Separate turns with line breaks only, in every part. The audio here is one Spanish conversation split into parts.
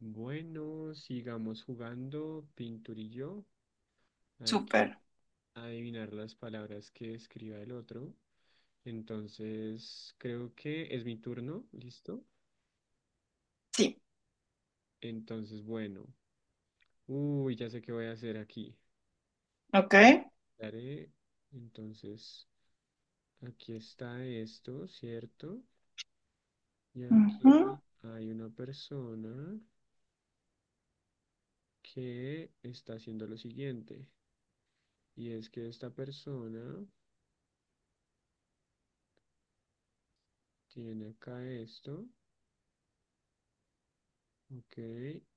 Bueno, sigamos jugando, Pinturillo. Hay
Súper.
que adivinar las palabras que escriba el otro. Entonces, creo que es mi turno, ¿listo?
Sí.
Entonces, bueno. Uy, ya sé qué voy a hacer aquí.
Ok.
Daré, entonces, aquí está esto, ¿cierto? Y
Ujú,
aquí hay una persona que está haciendo lo siguiente. Y es que esta persona tiene acá esto. Ok,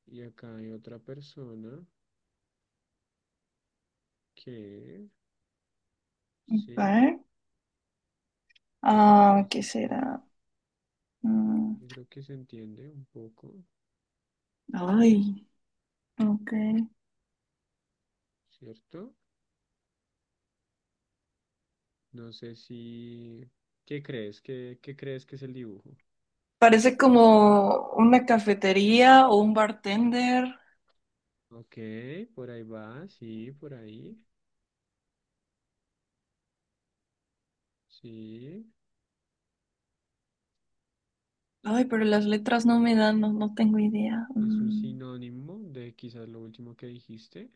y acá hay otra persona que, sí,
ok.
yo creo que
Ah,
ahí se
¿qué
entiende,
será? Mm.
yo creo que se entiende un poco,
Ay, ok.
¿cierto? No sé si, ¿qué crees? ¿Qué crees que es el dibujo?
Parece como una cafetería o un bartender.
Ok, por ahí va, sí, por ahí, sí,
Ay, pero las letras no me dan, no, no tengo idea.
es un
Mm,
sinónimo de quizás lo último que dijiste,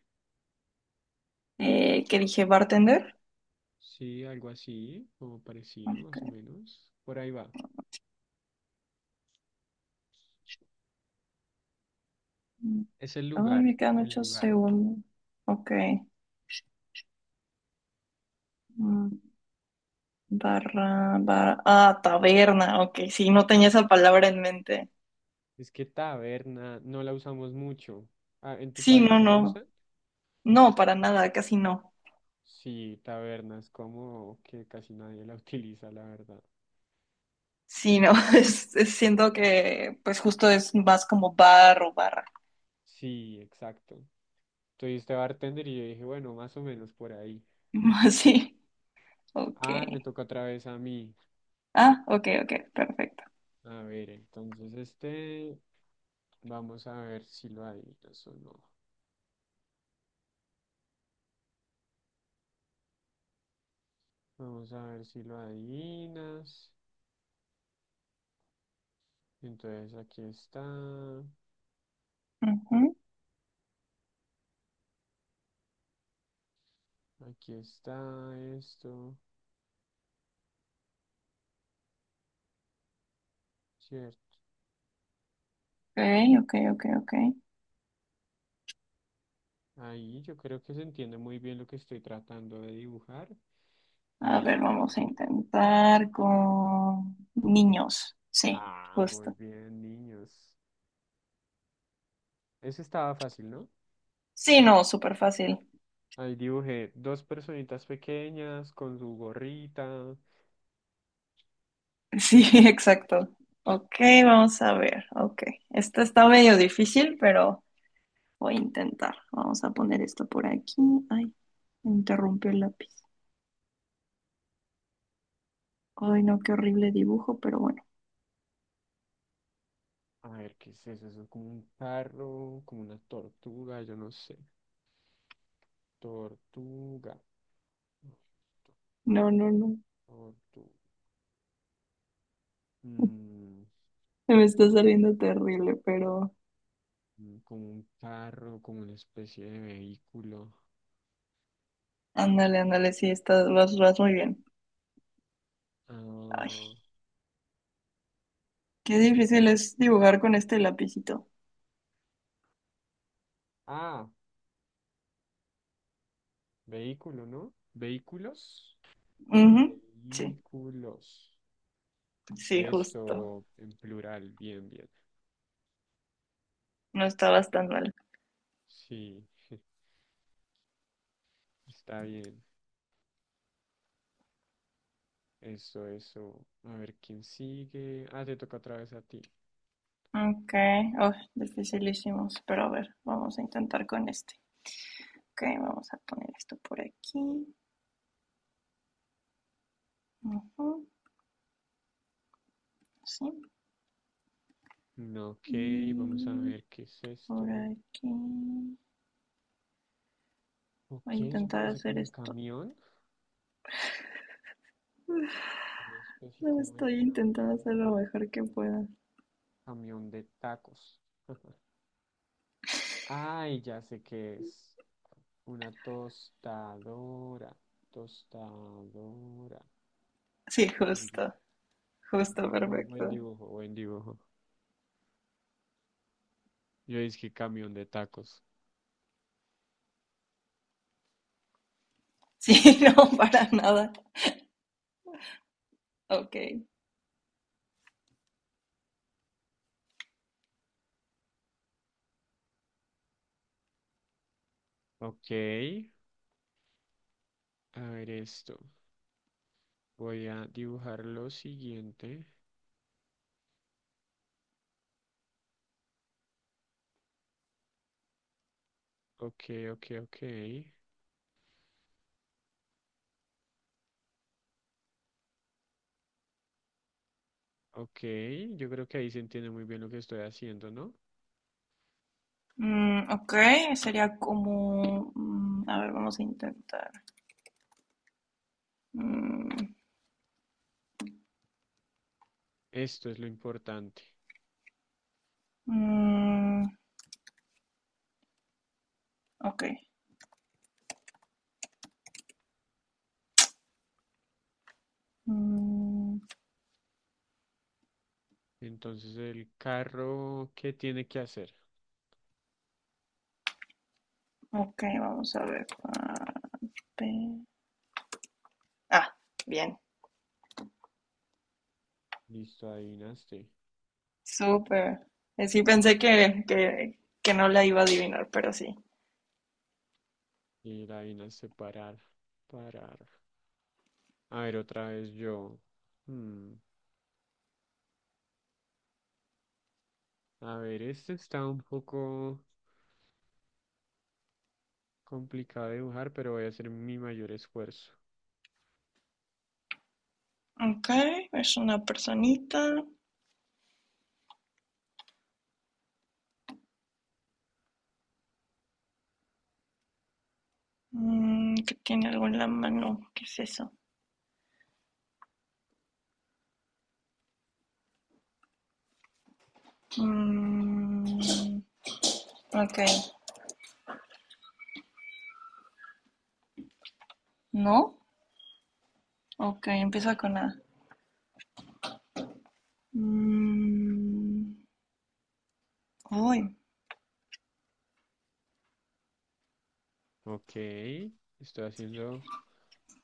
eh, ¿qué dije? ¿Bartender?
sí, algo así, o parecido, más o
Ok.
menos, por ahí va.
Mm,
Es el
Ay,
lugar,
me quedan
el
ocho
lugar.
segundos. Ok. Mm, Barra, barra. Ah, taberna. Ok, sí, no tenía esa palabra en mente.
Es que taberna no la usamos mucho. Ah, ¿en tu
Sí,
país
no,
la
no.
usan?
No, para nada, casi no.
Sí, taberna es como que casi nadie la utiliza, la verdad.
Sí, no, siento que pues justo es más como bar o barra.
Sí, exacto. Soy este bartender y yo dije, bueno, más o menos por ahí.
Sí, ok.
Ah, me toca otra vez a mí.
Ah, ok, ok, perfecto.
A ver, entonces este, vamos a ver si lo adivinas o no. Vamos a ver si lo adivinas. Entonces
Ujú,
aquí está esto, cierto.
ok, ok, ok, ok.
Ahí yo creo que se entiende muy bien lo que estoy tratando de dibujar.
A ver,
Ahí.
vamos a intentar con niños. Sí,
Ah, muy
justo.
bien, niños. Eso estaba fácil, ¿no?
Sí, no, súper fácil.
Ahí dibujé dos personitas pequeñas con su gorrita.
Sí, exacto. Ok, vamos a ver. Ok, esta está medio difícil, pero voy a intentar. Vamos a poner esto por aquí. Ay, me interrumpió el lápiz. Ay, no, qué horrible dibujo, pero bueno.
A ver, ¿qué es eso? Eso es como un carro, como una tortuga, yo no sé. Tortuga.
No, no, no.
Tortuga. Mm, que
Me
es
está saliendo terrible, pero
como un carro, como una especie de vehículo.
ándale, ándale, sí, vas muy bien. Ay,
Ah,
qué difícil es dibujar con este lapicito.
ah, Vehículo, ¿no? Vehículos.
Ujú, sí,
Vehículos.
sí, justo.
Eso, en plural, bien, bien.
No estabas tan mal.
Sí, está bien. Eso, eso. A ver, ¿quién sigue? Ah, te toca otra vez a ti.
Ok, oh, dificilísimos, pero a ver, vamos a intentar con este. Ok, vamos a poner esto por aquí. Ujú, sí.
Ok, vamos a
Y
ver qué es
por
esto.
aquí. Voy a
Ok, eso
intentar
parece
hacer
como un
esto.
camión. Una especie
No,
como de
estoy intentando
camión.
hacer lo mejor que pueda.
Camión de tacos. Ay, ya sé qué es. Una tostadora. Tostadora.
Sí,
Muy bien.
justo. Justo,
Muy buen
perfecto.
dibujo, buen dibujo. Yo dije camión de tacos.
Sí, no, para nada. Ok.
Ok. A ver esto. Voy a dibujar lo siguiente. Ok, ok, ok. Ok. Yo creo que ahí se entiende muy bien lo que estoy haciendo, ¿no?
Ok, sería como, a ver, vamos a intentar. Mm,
Esto es lo importante.
mm. Ok. Mm,
Entonces, el carro, ¿qué tiene que hacer?
ok, vamos a ver. Ah, bien.
Listo, adivinaste.
Súper. Sí pensé que no la iba a adivinar, pero sí.
Y la adivinaste parar. Parar. A ver, otra vez yo. Hmm, A ver, este está un poco. Complicado dibujar, pero voy a hacer mi mayor esfuerzo.
Ok, es una personita que tiene algo en la mano. ¿Qué es eso? Mm, ok, ¿no? Ok, empieza con A. Mm, uy,
Ok, estoy haciendo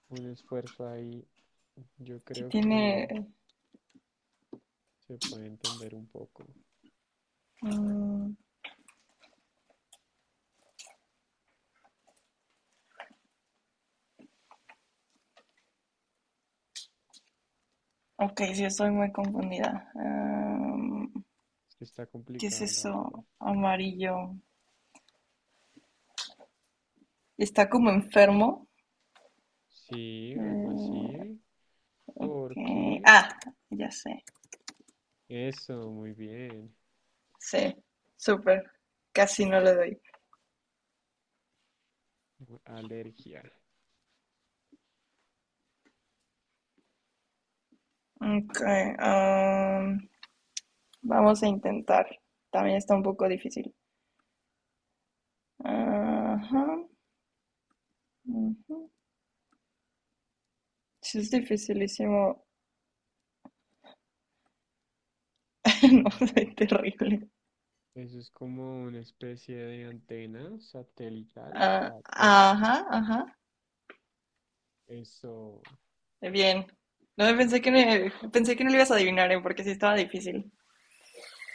un esfuerzo ahí. Yo
sí
creo que
tiene.
se puede entender un poco.
Mm, ok, sí, estoy muy confundida. Am,
Es que está
¿qué es
complicado, la verdad.
eso? Amarillo. Está como enfermo.
Sí, algo
Eh,
así.
ok,
Porque
Ah, ya sé.
eso, muy bien.
Sí, súper. Casi no le doy.
Alergia.
Okay, vamos a intentar. También está un poco difícil. Ajá. Ujú. Sí, es dificilísimo.
A
No
ver,
soy terrible.
eso es como una especie de antena satelital,
Ah,
satélite.
ajá, ajá.
Eso.
Bien. No pensé que pensé que no lo ibas a adivinar, ¿eh? Porque sí estaba difícil.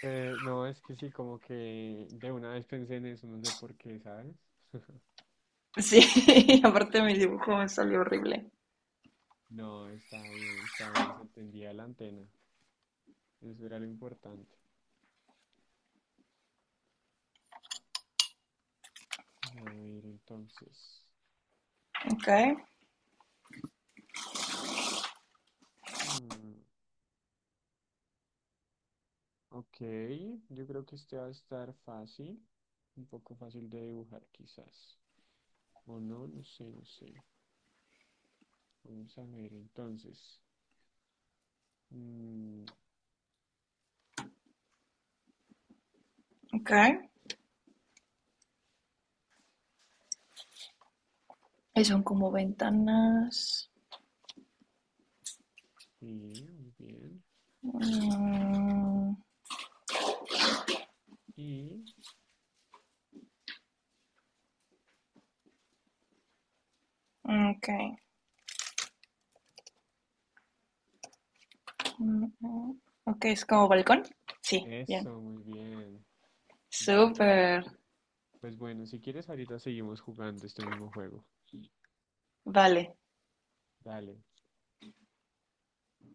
No, es que sí, como que de una vez pensé en eso, no sé por qué, ¿sabes?
Sí, y aparte mi dibujo me salió horrible.
No, está bien, se entendía la antena. Eso era lo importante. A ver, entonces.
Okay,
mm, ok, yo creo que este va a estar fácil, un poco fácil de dibujar quizás. O no, no sé, no sé. Vamos a ver, entonces. Mm,
okay. Y son como ventanas.
sí, muy bien.
Mm,
Y
okay. Mm, mm. Ok, es como balcón. Sí, bien.
eso, muy bien. Balcón.
Súper.
Pues bueno, si quieres ahorita seguimos jugando este mismo juego.
Vale.
Dale.